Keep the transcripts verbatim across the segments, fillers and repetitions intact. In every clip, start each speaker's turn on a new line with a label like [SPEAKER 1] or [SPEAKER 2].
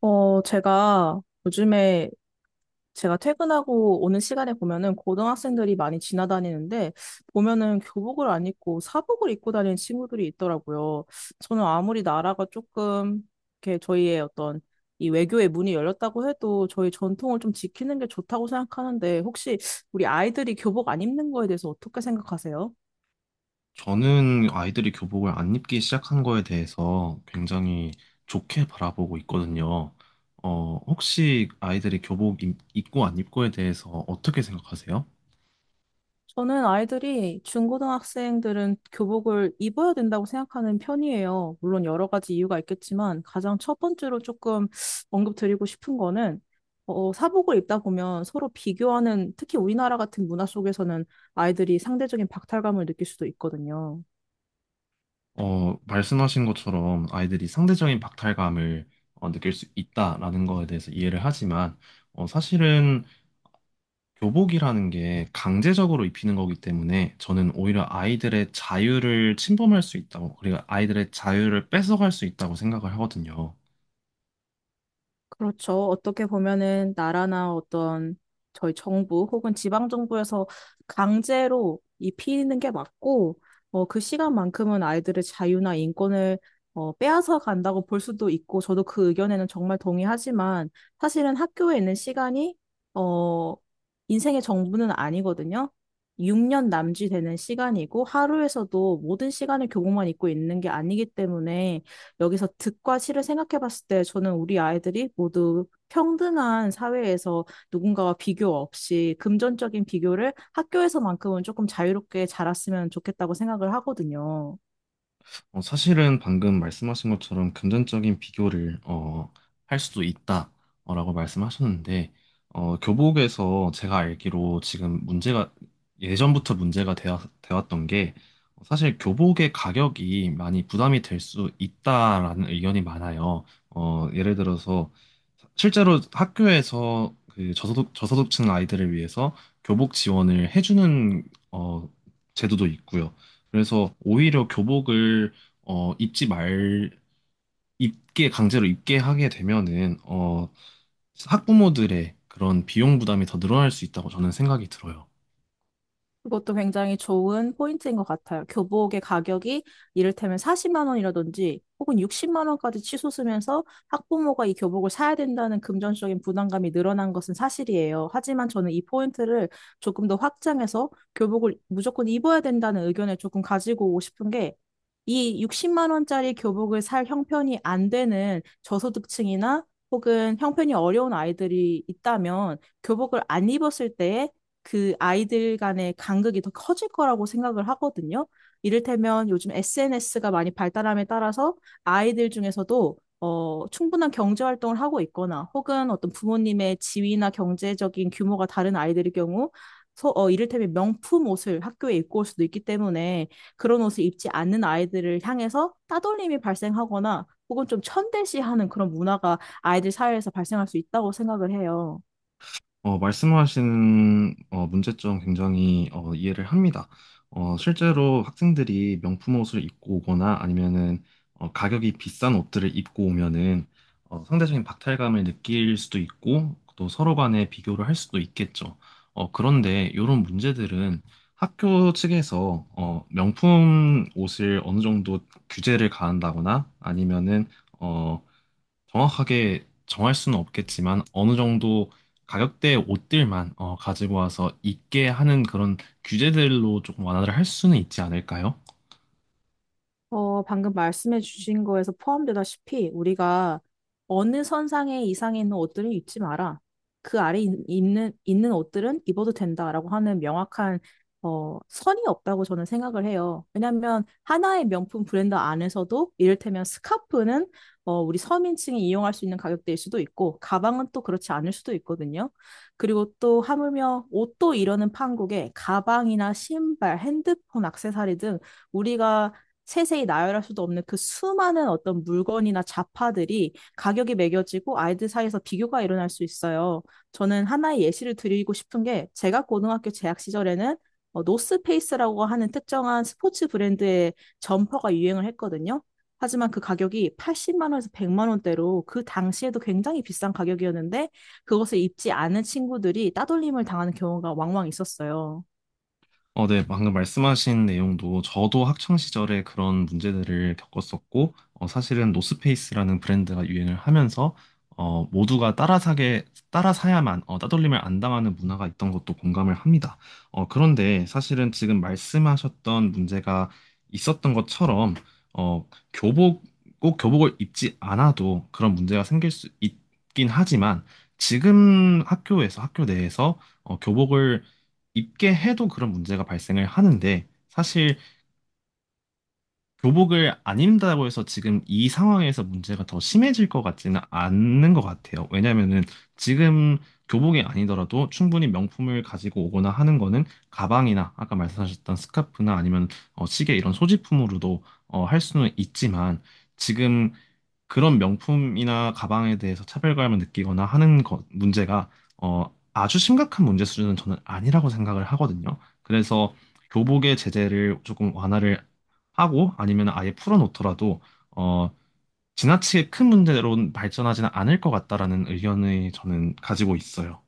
[SPEAKER 1] 어, 제가 요즘에 제가 퇴근하고 오는 시간에 보면은 고등학생들이 많이 지나다니는데 보면은 교복을 안 입고 사복을 입고 다니는 친구들이 있더라고요. 저는 아무리 나라가 조금 이렇게 저희의 어떤 이 외교의 문이 열렸다고 해도 저희 전통을 좀 지키는 게 좋다고 생각하는데, 혹시 우리 아이들이 교복 안 입는 거에 대해서 어떻게 생각하세요?
[SPEAKER 2] 저는 아이들이 교복을 안 입기 시작한 거에 대해서 굉장히 좋게 바라보고 있거든요. 어, 혹시 아이들이 교복 입- 입고 안 입고에 대해서 어떻게 생각하세요?
[SPEAKER 1] 저는 아이들이 중고등학생들은 교복을 입어야 된다고 생각하는 편이에요. 물론 여러 가지 이유가 있겠지만, 가장 첫 번째로 조금 언급드리고 싶은 거는 어, 사복을 입다 보면 서로 비교하는, 특히 우리나라 같은 문화 속에서는 아이들이 상대적인 박탈감을 느낄 수도 있거든요.
[SPEAKER 2] 어, 말씀하신 것처럼 아이들이 상대적인 박탈감을 어, 느낄 수 있다라는 거에 대해서 이해를 하지만 어, 사실은 교복이라는 게 강제적으로 입히는 거기 때문에 저는 오히려 아이들의 자유를 침범할 수 있다고, 그리고 아이들의 자유를 뺏어갈 수 있다고 생각을 하거든요.
[SPEAKER 1] 그렇죠. 어떻게 보면은 나라나 어떤 저희 정부 혹은 지방 정부에서 강제로 입히는 게 맞고, 어, 그 시간만큼은 아이들의 자유나 인권을 어, 빼앗아 간다고 볼 수도 있고, 저도 그 의견에는 정말 동의하지만, 사실은 학교에 있는 시간이, 어, 인생의 정부는 아니거든요. 육 년 남짓 되는 시간이고, 하루에서도 모든 시간을 교복만 입고 있는 게 아니기 때문에, 여기서 득과 실을 생각해 봤을 때 저는 우리 아이들이 모두 평등한 사회에서 누군가와 비교 없이, 금전적인 비교를 학교에서만큼은 조금 자유롭게 자랐으면 좋겠다고 생각을 하거든요.
[SPEAKER 2] 어, 사실은 방금 말씀하신 것처럼 금전적인 비교를 어, 할 수도 있다라고 말씀하셨는데 어, 교복에서 제가 알기로 지금 문제가 예전부터 문제가 되어, 되었던 게 어, 사실 교복의 가격이 많이 부담이 될 수 있다라는 의견이 많아요. 어, 예를 들어서 실제로 학교에서 그 저소득 저소득층 아이들을 위해서 교복 지원을 해주는 어, 제도도 있고요. 그래서 오히려 교복을 어, 입지 말, 입게, 강제로 입게 하게 되면은, 어, 학부모들의 그런 비용 부담이 더 늘어날 수 있다고 저는 생각이 들어요.
[SPEAKER 1] 그것도 굉장히 좋은 포인트인 것 같아요. 교복의 가격이 이를테면 사십만 원이라든지 혹은 육십만 원까지 치솟으면서 학부모가 이 교복을 사야 된다는 금전적인 부담감이 늘어난 것은 사실이에요. 하지만 저는 이 포인트를 조금 더 확장해서 교복을 무조건 입어야 된다는 의견을 조금 가지고 오고 싶은 게, 이 육십만 원짜리 교복을 살 형편이 안 되는 저소득층이나 혹은 형편이 어려운 아이들이 있다면, 교복을 안 입었을 때에 그 아이들 간의 간극이 더 커질 거라고 생각을 하거든요. 이를테면 요즘 에스엔에스가 많이 발달함에 따라서, 아이들 중에서도 어, 충분한 경제 활동을 하고 있거나 혹은 어떤 부모님의 지위나 경제적인 규모가 다른 아이들의 경우, 소, 어, 이를테면 명품 옷을 학교에 입고 올 수도 있기 때문에, 그런 옷을 입지 않는 아이들을 향해서 따돌림이 발생하거나 혹은 좀 천대시하는 그런 문화가 아이들 사회에서 발생할 수 있다고 생각을 해요.
[SPEAKER 2] 어, 말씀하신 어, 문제점 굉장히 어, 이해를 합니다. 어, 실제로 학생들이 명품 옷을 입고 오거나 아니면은 어, 가격이 비싼 옷들을 입고 오면은 어, 상대적인 박탈감을 느낄 수도 있고 또 서로 간에 비교를 할 수도 있겠죠. 어, 그런데 이런 문제들은 학교 측에서 어, 명품 옷을 어느 정도 규제를 가한다거나 아니면은 어, 정확하게 정할 수는 없겠지만 어느 정도 가격대의 옷들만 어, 가지고 와서 입게 하는 그런 규제들로 조금 완화를 할 수는 있지 않을까요?
[SPEAKER 1] 어, 방금 말씀해 주신 거에서 포함되다시피, 우리가 어느 선상에 이상에 있는 옷들은 입지 마라, 그 아래 있- 있는, 있는 옷들은 입어도 된다라고 하는 명확한 어, 선이 없다고 저는 생각을 해요. 왜냐하면 하나의 명품 브랜드 안에서도 이를테면 스카프는 어, 우리 서민층이 이용할 수 있는 가격대일 수도 있고, 가방은 또 그렇지 않을 수도 있거든요. 그리고 또 하물며 옷도 이러는 판국에 가방이나 신발, 핸드폰, 액세서리 등, 우리가 세세히 나열할 수도 없는 그 수많은 어떤 물건이나 자파들이 가격이 매겨지고 아이들 사이에서 비교가 일어날 수 있어요. 저는 하나의 예시를 드리고 싶은 게, 제가 고등학교 재학 시절에는 어, 노스페이스라고 하는 특정한 스포츠 브랜드의 점퍼가 유행을 했거든요. 하지만 그 가격이 팔십만 원에서 백만 원대로, 그 당시에도 굉장히 비싼 가격이었는데, 그것을 입지 않은 친구들이 따돌림을 당하는 경우가 왕왕 있었어요.
[SPEAKER 2] 어, 네, 방금 말씀하신 내용도 저도 학창 시절에 그런 문제들을 겪었었고, 어, 사실은 노스페이스라는 브랜드가 유행을 하면서 어, 모두가 따라 사게 따라 사야만 어, 따돌림을 안 당하는 문화가 있던 것도 공감을 합니다. 어, 그런데 사실은 지금 말씀하셨던 문제가 있었던 것처럼 어, 교복 꼭 교복을 입지 않아도 그런 문제가 생길 수 있긴 하지만 지금 학교에서 학교 내에서 어, 교복을 입게 해도 그런 문제가 발생을 하는데 사실 교복을 안 입는다고 해서 지금 이 상황에서 문제가 더 심해질 것 같지는 않는 것 같아요. 왜냐면은 지금 교복이 아니더라도 충분히 명품을 가지고 오거나 하는 거는 가방이나 아까 말씀하셨던 스카프나 아니면 어, 시계 이런 소지품으로도 어, 할 수는 있지만 지금 그런 명품이나 가방에 대해서 차별감을 느끼거나 하는 것 문제가 어, 아주 심각한 문제 수준은 저는 아니라고 생각을 하거든요. 그래서 교복의 제재를 조금 완화를 하고 아니면 아예 풀어놓더라도 어, 지나치게 큰 문제로 발전하지는 않을 것 같다라는 의견을 저는 가지고 있어요.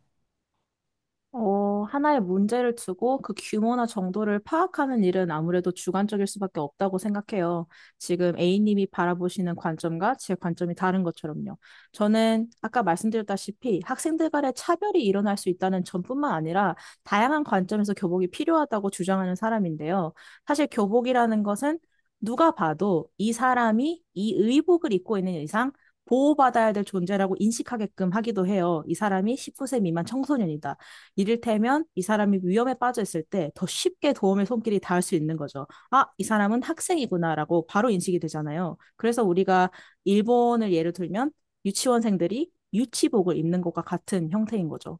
[SPEAKER 1] 어, 하나의 문제를 두고 그 규모나 정도를 파악하는 일은 아무래도 주관적일 수밖에 없다고 생각해요. 지금 A님이 바라보시는 관점과 제 관점이 다른 것처럼요. 저는 아까 말씀드렸다시피 학생들 간의 차별이 일어날 수 있다는 점뿐만 아니라, 다양한 관점에서 교복이 필요하다고 주장하는 사람인데요. 사실 교복이라는 것은 누가 봐도 이 사람이 이 의복을 입고 있는 이상 보호받아야 될 존재라고 인식하게끔 하기도 해요. 이 사람이 십구 세 미만 청소년이다. 이를테면 이 사람이 위험에 빠져 있을 때 더 쉽게 도움의 손길이 닿을 수 있는 거죠. 아, 이 사람은 학생이구나라고 바로 인식이 되잖아요. 그래서 우리가, 일본을 예를 들면, 유치원생들이 유치복을 입는 것과 같은 형태인 거죠.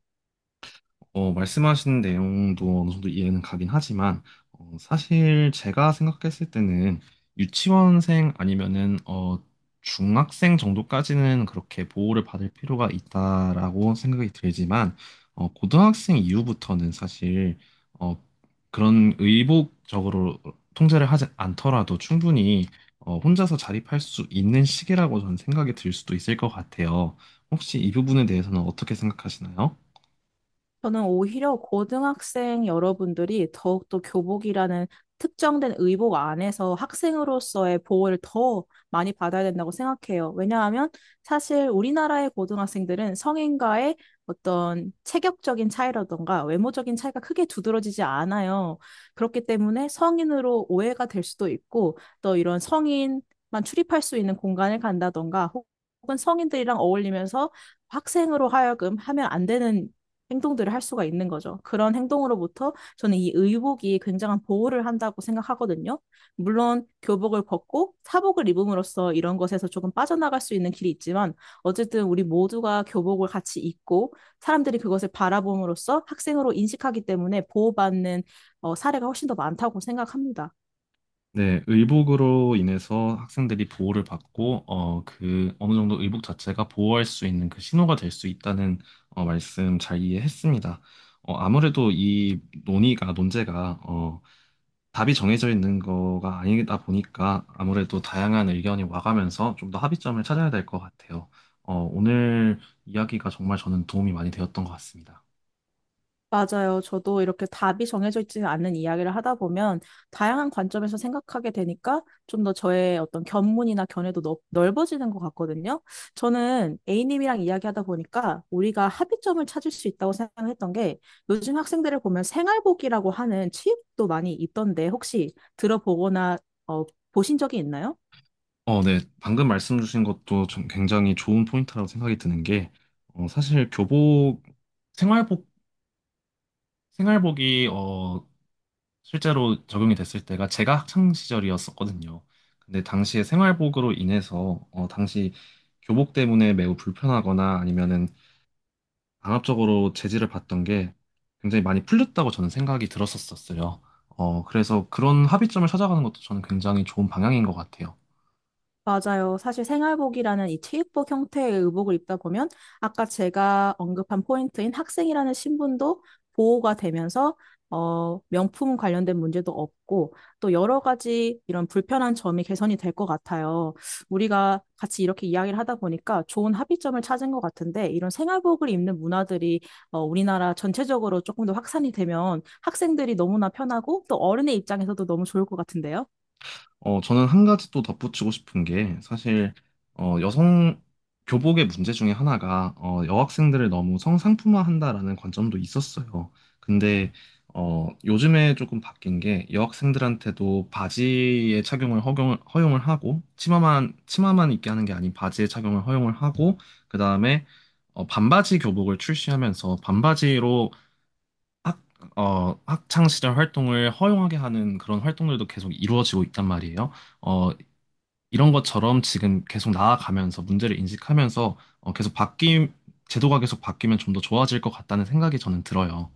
[SPEAKER 2] 어, 말씀하신 내용도 어느 정도 이해는 가긴 하지만, 어, 사실 제가 생각했을 때는 유치원생 아니면은, 어, 중학생 정도까지는 그렇게 보호를 받을 필요가 있다라고 생각이 들지만, 어, 고등학생 이후부터는 사실, 어, 그런 의복적으로 통제를 하지 않더라도 충분히, 어, 혼자서 자립할 수 있는 시기라고 저는 생각이 들 수도 있을 것 같아요. 혹시 이 부분에 대해서는 어떻게 생각하시나요?
[SPEAKER 1] 저는 오히려 고등학생 여러분들이 더욱더 교복이라는 특정된 의복 안에서 학생으로서의 보호를 더 많이 받아야 된다고 생각해요. 왜냐하면 사실 우리나라의 고등학생들은 성인과의 어떤 체격적인 차이라던가 외모적인 차이가 크게 두드러지지 않아요. 그렇기 때문에 성인으로 오해가 될 수도 있고, 또 이런 성인만 출입할 수 있는 공간을 간다던가 혹은 성인들이랑 어울리면서 학생으로 하여금 하면 안 되는 행동들을 할 수가 있는 거죠. 그런 행동으로부터 저는 이 의복이 굉장한 보호를 한다고 생각하거든요. 물론 교복을 벗고 사복을 입음으로써 이런 것에서 조금 빠져나갈 수 있는 길이 있지만, 어쨌든 우리 모두가 교복을 같이 입고 사람들이 그것을 바라봄으로써 학생으로 인식하기 때문에 보호받는 어, 사례가 훨씬 더 많다고 생각합니다.
[SPEAKER 2] 네, 의복으로 인해서 학생들이 보호를 받고, 어, 그, 어느 정도 의복 자체가 보호할 수 있는 그 신호가 될 수 있다는, 어, 말씀 잘 이해했습니다. 어, 아무래도 이 논의가, 논제가, 어, 답이 정해져 있는 거가 아니다 보니까 아무래도 다양한 의견이 와가면서 좀 더 합의점을 찾아야 될 것 같아요. 어, 오늘 이야기가 정말 저는 도움이 많이 되었던 것 같습니다.
[SPEAKER 1] 맞아요. 저도 이렇게 답이 정해져 있지 않은 이야기를 하다 보면 다양한 관점에서 생각하게 되니까 좀 더 저의 어떤 견문이나 견해도 넓, 넓어지는 것 같거든요. 저는 A님이랑 이야기하다 보니까 우리가 합의점을 찾을 수 있다고 생각했던 게, 요즘 학생들을 보면 생활복이라고 하는 취업도 많이 있던데, 혹시 들어보거나 어, 보신 적이 있나요?
[SPEAKER 2] 어, 네. 방금 말씀 주신 것도 좀 굉장히 좋은 포인트라고 생각이 드는 게, 어, 사실 교복, 생활복, 생활복이, 어, 실제로 적용이 됐을 때가 제가 학창 시절이었었거든요. 근데 당시에 생활복으로 인해서, 어, 당시 교복 때문에 매우 불편하거나 아니면은 강압적으로 제지를 받던 게 굉장히 많이 풀렸다고 저는 생각이 들었었어요. 어, 그래서 그런 합의점을 찾아가는 것도 저는 굉장히 좋은 방향인 것 같아요.
[SPEAKER 1] 맞아요. 사실 생활복이라는 이 체육복 형태의 의복을 입다 보면, 아까 제가 언급한 포인트인 학생이라는 신분도 보호가 되면서 어, 명품 관련된 문제도 없고, 또 여러 가지 이런 불편한 점이 개선이 될 것 같아요. 우리가 같이 이렇게 이야기를 하다 보니까 좋은 합의점을 찾은 것 같은데, 이런 생활복을 입는 문화들이 어, 우리나라 전체적으로 조금 더 확산이 되면 학생들이 너무나 편하고, 또 어른의 입장에서도 너무 좋을 것 같은데요.
[SPEAKER 2] 어, 저는 한 가지 또 덧붙이고 싶은 게 사실 어, 여성 교복의 문제 중에 하나가 어, 여학생들을 너무 성상품화한다라는 관점도 있었어요. 근데 어, 요즘에 조금 바뀐 게 여학생들한테도 바지의 착용을 허용을, 허용을 하고 치마만 치마만 입게 하는 게 아닌 바지의 착용을 허용을 하고 그다음에 어, 반바지 교복을 출시하면서 반바지로 학, 어, 학창 시절 활동을 허용하게 하는 그런 활동들도 계속 이루어지고 있단 말이에요. 어, 이런 것처럼 지금 계속 나아가면서 문제를 인식하면서 어, 계속 바뀜, 제도가 계속 바뀌면 좀 더 좋아질 것 같다는 생각이 저는 들어요.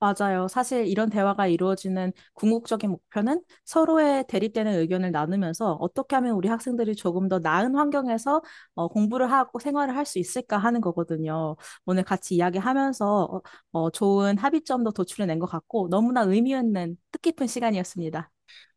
[SPEAKER 1] 맞아요. 사실 이런 대화가 이루어지는 궁극적인 목표는 서로의 대립되는 의견을 나누면서 어떻게 하면 우리 학생들이 조금 더 나은 환경에서 어, 공부를 하고 생활을 할 수 있을까 하는 거거든요. 오늘 같이 이야기하면서 어, 어, 좋은 합의점도 도출해낸 것 같고, 너무나 의미 있는 뜻깊은 시간이었습니다.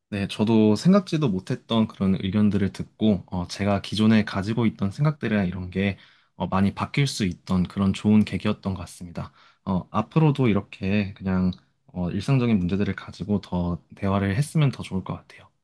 [SPEAKER 2] 네, 저도 생각지도 못했던 그런 의견들을 듣고 어, 제가 기존에 가지고 있던 생각들이나 이런 게 어, 많이 바뀔 수 있던 그런 좋은 계기였던 것 같습니다. 어, 앞으로도 이렇게 그냥 어, 일상적인 문제들을 가지고 더 대화를 했으면 더 좋을 것 같아요.